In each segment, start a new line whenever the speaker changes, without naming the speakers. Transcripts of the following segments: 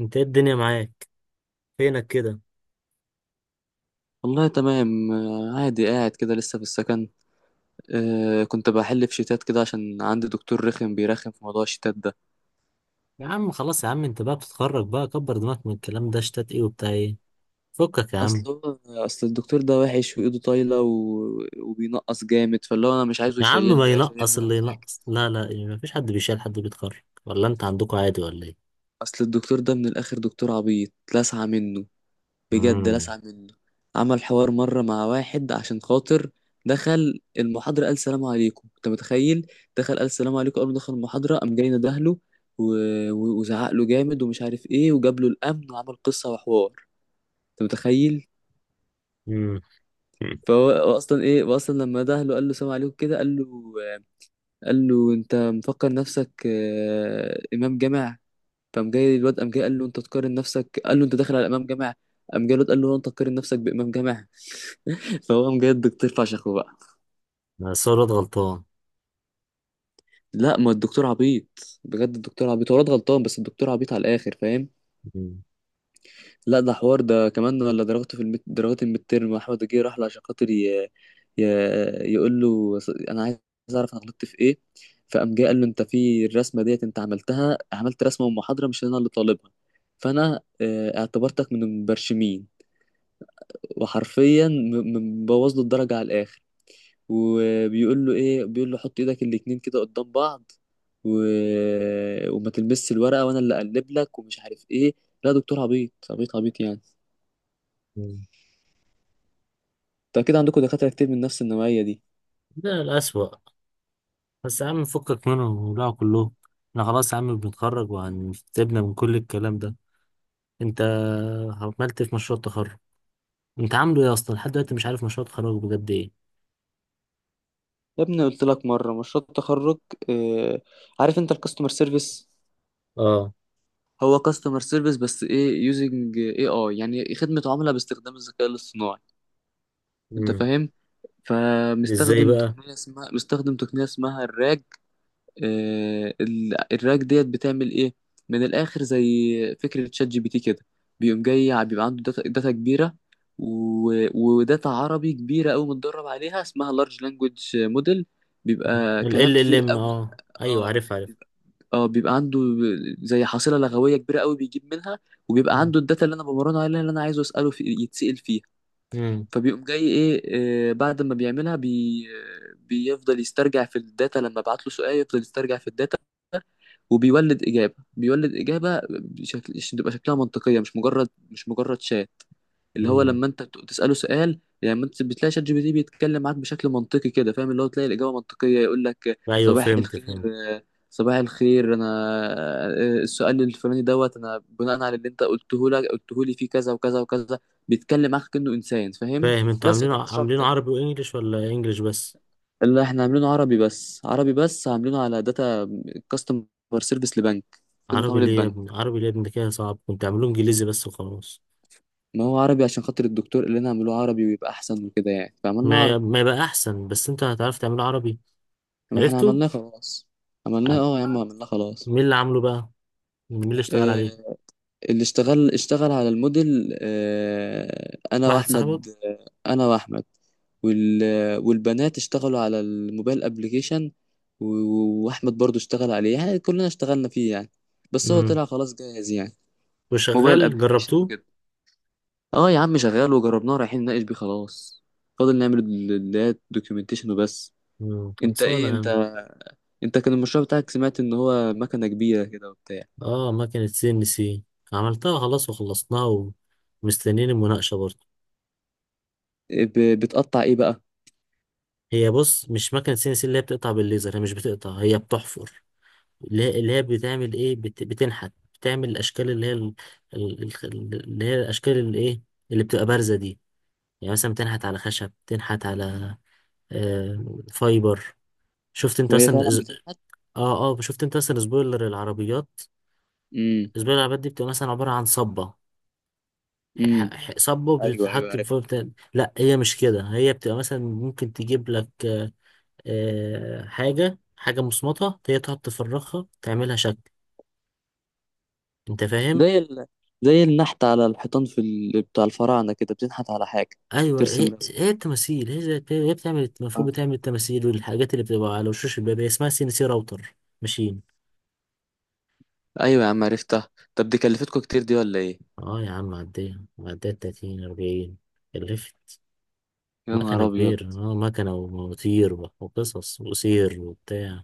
انت ايه الدنيا معاك؟ فينك كده؟
والله تمام آه، عادي قاعد كده لسه في السكن. آه كنت بحل في شيتات كده عشان عندي دكتور رخم بيرخم في موضوع الشيتات ده.
يا عم خلاص يا عم، انت بقى بتتخرج بقى، كبر دماغك من الكلام ده، اشتات ايه وبتاع ايه؟ فكك يا عم.
اصل اصل الدكتور ده وحش وايده طايله وبينقص جامد، فاللي هو انا مش عايزه
يا عم ما
يشيلني، لا
ينقص
يشيلني
اللي
ولا حاجه.
ينقص، لا لا ايه، ما فيش حد بيشيل حد بيتخرج، ولا انت عندكوا عادي ولا ايه؟
اصل الدكتور ده من الاخر دكتور عبيط، لسعة منه، بجد
امم
لسع منه. عمل حوار مرة مع واحد عشان خاطر دخل المحاضرة قال سلام عليكم، انت متخيل؟ دخل قال سلام عليكم قبل ما دخل المحاضرة، قام جاي ندهله و... وزعق له جامد ومش عارف ايه، وجاب له الأمن وعمل قصة وحوار. انت متخيل؟
امم.
فهو اصلا، ايه هو اصلا لما دهله قال له سلام عليكم كده، قال له، قال له انت مفكر نفسك آه، امام جامع؟ فقام جاي الواد قام جاي قال له انت تقارن نفسك، قال له انت داخل على امام جامع. قام جاي الواد قال له انت تقارن نفسك بامام جامع؟ فهو قام جاي الدكتور فشخه بقى.
صورة غلطان.
لا ما الدكتور عبيط بجد، الدكتور عبيط، هو الواد غلطان بس الدكتور عبيط على الاخر، فاهم؟
مم.
لا ده حوار، ده كمان ولا درجته في درجات الميد تيرم، احمد جه راح له عشان خاطر ي... يقول له انا عايز اعرف انا غلطت في ايه. فقام جه قال له انت في الرسمه ديت انت عملتها، عملت رسمه ومحاضره مش انا اللي طالبها، فانا آه، اعتبرتك من المبرشمين. وحرفيا مبوظ له الدرجه على الاخر، وبيقول له ايه، بيقول له حط ايدك الاتنين كده قدام بعض و... وما تلمسش الورقه وانا اللي اقلب لك ومش عارف ايه. لا دكتور عبيط عبيط عبيط يعني.
مم.
انت اكيد عندكم دكاتره كتير من نفس النوعيه دي.
ده الأسوأ. بس يا عم فكك منهم وبلعوا كلهم. احنا خلاص يا عم بنتخرج وهنسيبنا من كل الكلام ده. انت عملت ايه في مشروع التخرج؟ انت عامله ايه اصلا لحد دلوقتي؟ مش عارف مشروع التخرج بجد ايه.
يا ابني قلت لك مره مشروع التخرج، آه... عارف انت الكاستمر سيرفيس؟
اه.
هو كاستمر سيرفيس بس ايه، يوزنج اي اي، يعني خدمه عملاء باستخدام الذكاء الاصطناعي. انت
مم.
فاهم؟
ازاي
فمستخدم
بقى؟
تقنيه اسمها، مستخدم تقنيه اسمها الراج. آه، الراك ديت بتعمل ايه؟ من الاخر زي فكره شات جي بي تي كده، بيقوم جاي بيبقى عنده داتا, داتا كبيره، وداتا عربي كبيره قوي متدرب عليها اسمها لارج لانجوج موديل، بيبقى
ال
كلام
ال ال
كتير
ام
قوي.
اه ايوه
اه
عارف عارف.
بيبقى- اه بيبقى عنده زي حاصله لغويه كبيره قوي بيجيب منها. وبيبقى
مم.
عنده الداتا اللي انا بمرنه عليها، اللي انا عايزه اساله في يتسال فيها.
مم.
فبيقوم جاي ايه آه، بعد ما بيعملها بي، بيفضل يسترجع في الداتا، لما ابعت له سؤال يفضل يسترجع في الداتا، وبيولد إجابة، بيولد إجابة بشكل بتبقى شكلها منطقية، مش مجرد شات. اللي هو
مم.
لما أنت تسأله سؤال، يعني أنت بتلاقي شات جي بي تي بيتكلم معاك بشكل منطقي كده، فاهم؟ اللي هو تلاقي الإجابة منطقية، يقول لك
ايوه
صباح
فهمت
الخير
فهمت.
آه، صباح الخير أنا آه، السؤال الفلاني دوت أنا بناء على اللي أنت قلته لك، قلته لي فيه كذا وكذا وكذا. بيتكلم معاك كأنه إنسان، فاهم؟
فاهم انتوا
بس هو ده
عاملينه
المشروع
عاملينه
بتاعي.
عربي وانجليش، ولا انجليش بس؟
لا احنا عاملينه عربي بس، عربي بس، عاملينه على داتا كاستمر سيرفيس لبنك، خدمة
عربي
عملاء
ليه يا
بنك.
ابني؟ عربي ليه يا ابني؟ ده كده صعب، كنت اعملوه انجليزي بس وخلاص.
ما هو عربي عشان خاطر الدكتور قال لنا اعملوه عربي ويبقى احسن وكده يعني، فعملنا
ما
عربي.
ما يبقى احسن، بس انت هتعرف تعمله عربي؟
ما احنا
عرفته؟
عملناه خلاص. عملناه
عن-
اه يا عم، عملناه خلاص.
مين اللي عامله بقى؟ مين اللي اشتغل عليه؟
آه، اللي اشتغل، اشتغل على الموديل آه انا
واحد صاحبك؟
واحمد، آه انا واحمد. وال والبنات اشتغلوا على الموبايل ابليكيشن، واحمد برضو اشتغل عليه، يعني كلنا اشتغلنا فيه يعني. بس هو
امم.
طلع خلاص جاهز يعني.
وشغال؟
موبايل ابليكيشن
جربتوه؟
وكده. اه يا عم شغال وجربناه، رايحين نناقش بيه خلاص، فاضل نعمل اللي هي الدوكيومنتيشن وبس.
امم.
انت
خلصانه
ايه
يا
انت
عم.
انت كان المشروع بتاعك سمعت ان هو مكنه كبيره كده وبتاع.
اه مكنه سي ان سي، عملتها خلاص وخلصناها، ومستنيين المناقشه برضه.
إيه، بتقطع ايه بقى؟
هي بص، مش مكنة سي ان سي اللي هي بتقطع بالليزر، هي مش بتقطع، هي بتحفر. اللي هي بتعمل ايه، بتنحت. بتعمل الاشكال اللي هي اللي هي الاشكال اللي ايه، اللي بتبقى بارزة دي. يعني مثلا بتنحت على خشب، بتنحت على آه... فايبر. شفت انت
وهي
مثلا
فعلا بتنحت؟
اه اه شفت انت مثلا سبويلر العربيات؟
امم،
سبويلر العربيات دي بتبقى مثلا عبارة عن صبة.
امم،
صبة
ايوه ايوه
بتتحط
عارفها.
لا هي مش كده، هي بتبقى مثلا ممكن تجيب لك حاجة حاجة مصمتة، هي تقعد تفرغها تعملها شكل، انت فاهم؟
زي ال... زي النحت على الحيطان في بتاع الفراعنه كده، بتنحت على حاجه،
ايوه،
ترسم
هي
رسم
هي التماثيل، هي بتعمل، المفروض
آه.
بتعمل التماثيل والحاجات اللي بتبقى على وشوش الباب، هي اسمها سي ان سي راوتر ماشين.
ايوه يا عم عرفتها. طب دي كلفتكوا كتير دي ولا ايه؟
اه يا عم عديها عديها 30 40 كلفت.
يا نهار
مكنة
ابيض!
كبيرة، اه مكنة ومواتير وقصص وسير وبتاع.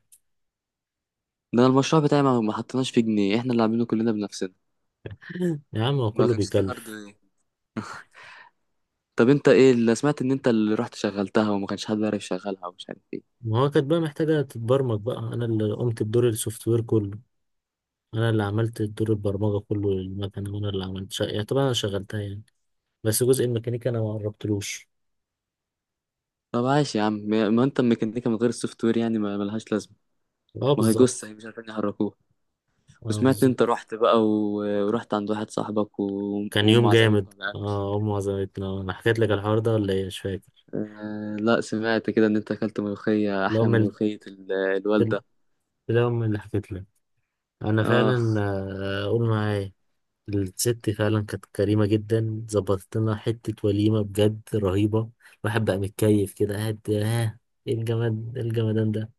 ده أنا المشروع بتاعي ما حطيناش فيه جنيه، احنا اللي عاملينه كلنا بنفسنا.
يا عم هو
ما
كله
كانش فيه هارد.
بيكلف.
طب انت ايه اللي سمعت ان انت اللي رحت شغلتها وما كانش حد عارف يشغلها ومش عارف ايه؟
ما هو كانت بقى محتاجة تتبرمج بقى، أنا اللي قمت بدور السوفت وير كله. انا اللي عملت دور البرمجه كله للمكنه، وانا اللي عملت شقه يعني، طبعا انا شغلتها يعني. بس جزء الميكانيكا انا ما قربتلوش.
طب عاش يا عم، ما انت الميكانيكا من غير السوفت وير يعني ما ملهاش لازمه.
اه
ما هي جثه،
بالظبط.
هي مش عارفين يحركوها.
اه
وسمعت
بالظبط.
انت رحت بقى ورحت عند واحد صاحبك
كان
وام
يوم
عزمتكم
جامد،
على الاكل.
اه امي عزمتنا. انا حكيت لك الحوار ده ولا ايه؟ مش فاكر.
آه لا سمعت كده ان انت اكلت ملوخيه
لا
احلى من
امي
ملوخيه
اللي
الوالده.
لا امي اللي حكيت لك. انا
اه،
فعلا قول معايا. الست فعلا كانت كريمه جدا، ظبطت لنا حته وليمه بجد رهيبه. الواحد بقى متكيف كده قاعد، ها، ايه الجماد، إيه الجمدان ده؟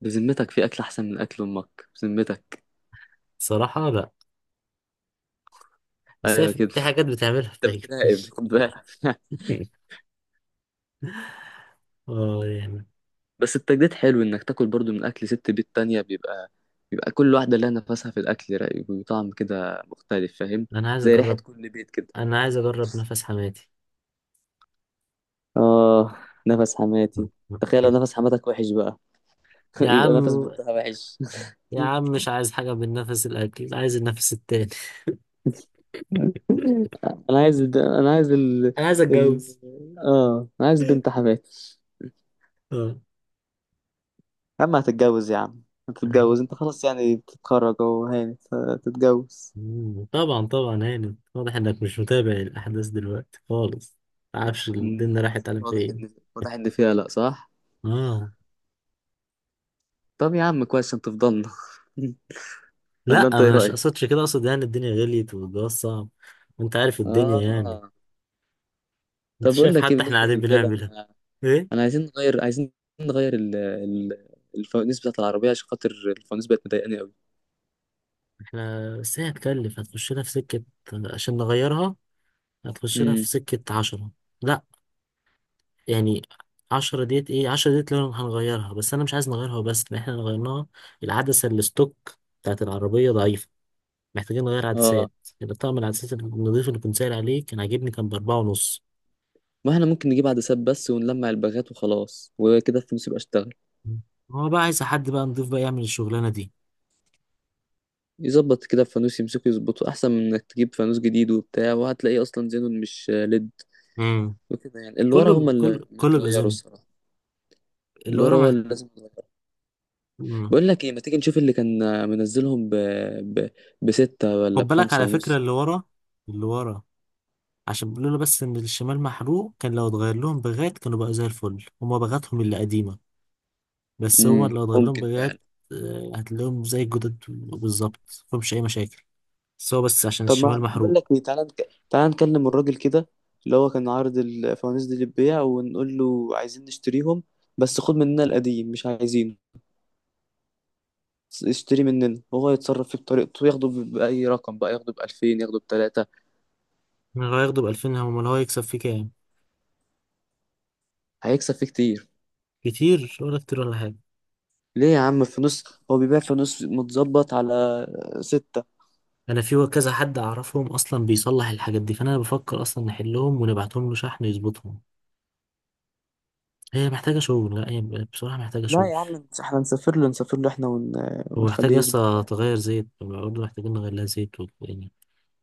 بذمتك في اكل احسن من اكل امك؟ بذمتك؟
صراحه لا، بس هي
ايوه
في
كده،
في حاجات بتعملها ما
انت بتراقب،
بتعجبنيش.
خد بالك.
اه يعني.
بس التجديد حلو انك تاكل برضو من اكل ست بيت تانية، بيبقى بيبقى كل واحده لها نفسها في الاكل، رايق وطعم كده مختلف، فاهم؟
انا عايز
زي ريحه
اجرب،
كل بيت كده.
انا عايز اجرب نفس حماتي.
اه نفس حماتي. تخيل لو نفس حماتك وحش بقى!
يا
يبقى نفس
عم،
بنتها وحش.
يا عم مش عايز حاجة من نفس الاكل، عايز النفس التاني.
انا عايز الب... انا عايز ال...
انا عايز
ال...
اتجوز.
اه انا عايز بنت حماتي.
اه.
يا عم هتتجوز يا عم، هتتجوز انت خلاص يعني، بتتخرج اهو هاني، هتتجوز.
مم. طبعا طبعا. هاني واضح انك مش متابع الاحداث دلوقتي خالص، معرفش
مم.
الدنيا راحت على
واضح
فين.
ان، واضح ان فيها لا صح.
اه.
طب يا عم كويس عشان تفضلنا، ولا
لا،
انت ايه
مش اقصدش
رايك؟
كده، اقصد يعني الدنيا غليت والجواز صعب، وانت عارف الدنيا يعني.
اه
انت
طب اقول
شايف
لك ايه،
حتى احنا
بالنسبه
قاعدين
للرجاله
بنعملها
انا
ايه.
عايزين نغير عايزين نغير الفوانيس بتاعت العربية، عشان خاطر الفوانيس بقت مضايقاني قوي.
احنا بس هي هتكلف، هتخش لها في سكة عشان نغيرها، هتخش لها في
امم،
سكة عشرة. لا يعني عشرة ديت ايه، عشرة ديت لو هنغيرها، بس انا مش عايز نغيرها، بس احنا لو غيرناها، العدسة اللي ستوك بتاعت العربية ضعيفة، محتاجين نغير
اه
عدسات. يبقى طقم العدسات النظيف اللي كنت سائل عليه كان عاجبني، كان ب4.5.
ما احنا ممكن نجيب عدسات بس ونلمع الباغات وخلاص وكده الفانوس يبقى اشتغل.
مم. هو بقى عايز حد بقى نضيف بقى يعمل الشغلانة دي.
يظبط كده الفانوس، يمسكه يظبطه احسن من انك تجيب فانوس جديد وبتاع، وهتلاقيه اصلا زينون مش ليد
امم.
وكده يعني. اللي ورا
كله
هما
ب...
اللي
كل كله
متغيروا
بأذنه.
الصراحة.
اللي
اللي
ورا
ورا هو
مح...
اللي لازم يتغير.
مم.
بقول لك ايه، ما تيجي نشوف اللي كان منزلهم ب... بستة ولا
خد بالك
بخمسة
على فكرة
ونص؟
اللي ورا، اللي ورا، عشان بيقولوا له بس ان الشمال محروق، كان لو اتغير لهم بغات كانوا بقى زي الفل، هما بغاتهم اللي قديمة، بس هما
امم،
لو اتغير لهم
ممكن
بغات
فعلا.
هتلاقيهم زي الجداد بالظبط، مفهمش أي مشاكل، بس هو بس عشان
طب
الشمال
ما بقول
محروق.
لك ايه، تعالى تعالى نكلم الراجل كده اللي هو كان عارض الفوانيس دي للبيع، ونقول له عايزين نشتريهم بس خد مننا القديم مش عايزينه، اشتري مننا وهو يتصرف فيه بطريقته، ياخده بأي رقم بقى، ياخده بألفين، ياخده بتلاتة.
من هو هياخده ب2000؟ هم هو هيكسب فيه كام؟
هيكسب فيه كتير.
كتير ولا كتير ولا حاجة؟
ليه يا عم، فانوس هو بيبيع فانوس متظبط على ستة.
أنا في كذا حد أعرفهم أصلا بيصلح الحاجات دي، فأنا بفكر أصلا نحلهم ونبعتهم له شحن يظبطهم. هي محتاجة شغل، لا هي بصراحة محتاجة
لا
شغل.
يا عم احنا نسافر له، نسافر له احنا
ومحتاجة
ونخليه يظبطها
لسه
يعني.
تغير زيت برضه، محتاجين نغير لها زيت يعني،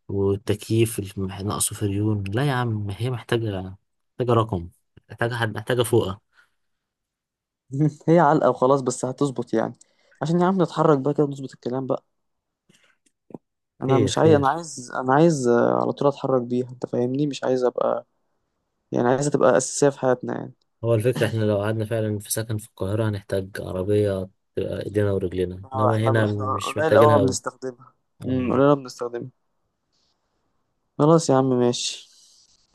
ناقصه فريون. لا يا عم هي محتاجة، محتاجة رقم، محتاجة حد، محتاجة فوقة.
هي علقة وخلاص بس هتظبط يعني، عشان يا عم نتحرك بقى كده، نظبط الكلام بقى. انا
خير
مش عايز انا
خير.
عايز انا عايز آه، على طول اتحرك بيها، انت فاهمني، مش عايز ابقى يعني، عايزها تبقى اساسيه في حياتنا يعني.
هو الفكرة، احنا لو قعدنا فعلا في سكن في القاهرة هنحتاج عربية تبقى ايدينا ورجلينا،
اه
انما
احنا،
هنا
احنا
مش
قليل قوي ما
محتاجينها اوي.
بنستخدمها.
اه.
قليل قوي بنستخدمها. خلاص يا عم ماشي.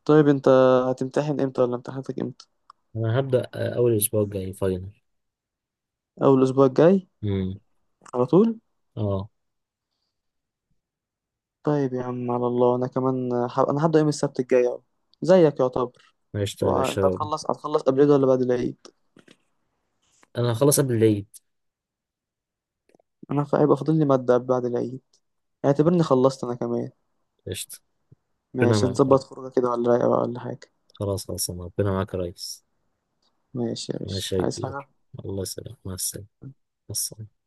طيب انت هتمتحن امتى، ولا امتحاناتك امتى؟
انا هبدأ اول اسبوع الجاي فاينل.
اول الاسبوع الجاي
امم.
على طول؟
اه.
طيب يا عم على الله، انا كمان انا هبدا يوم السبت الجاي اهو، زيك يعتبر.
قشطة يا
وانت
باشا.
هتخلص، هتخلص قبل العيد ولا بعد العيد؟
انا هخلص قبل العيد.
انا هيبقى فاضل لي ماده بعد العيد، اعتبرني خلصت انا كمان.
قشطة. ربنا
ماشي
معاك يا رب.
نظبط خروجه كده ولا رايقه بقى ولا حاجه؟
خلاص خلاص، ربنا معاك يا ريس.
ماشي يا باشا،
ماشي يا
عايز حاجة؟
كبير، الله يسلمك، مع السلامة. مع السلامة.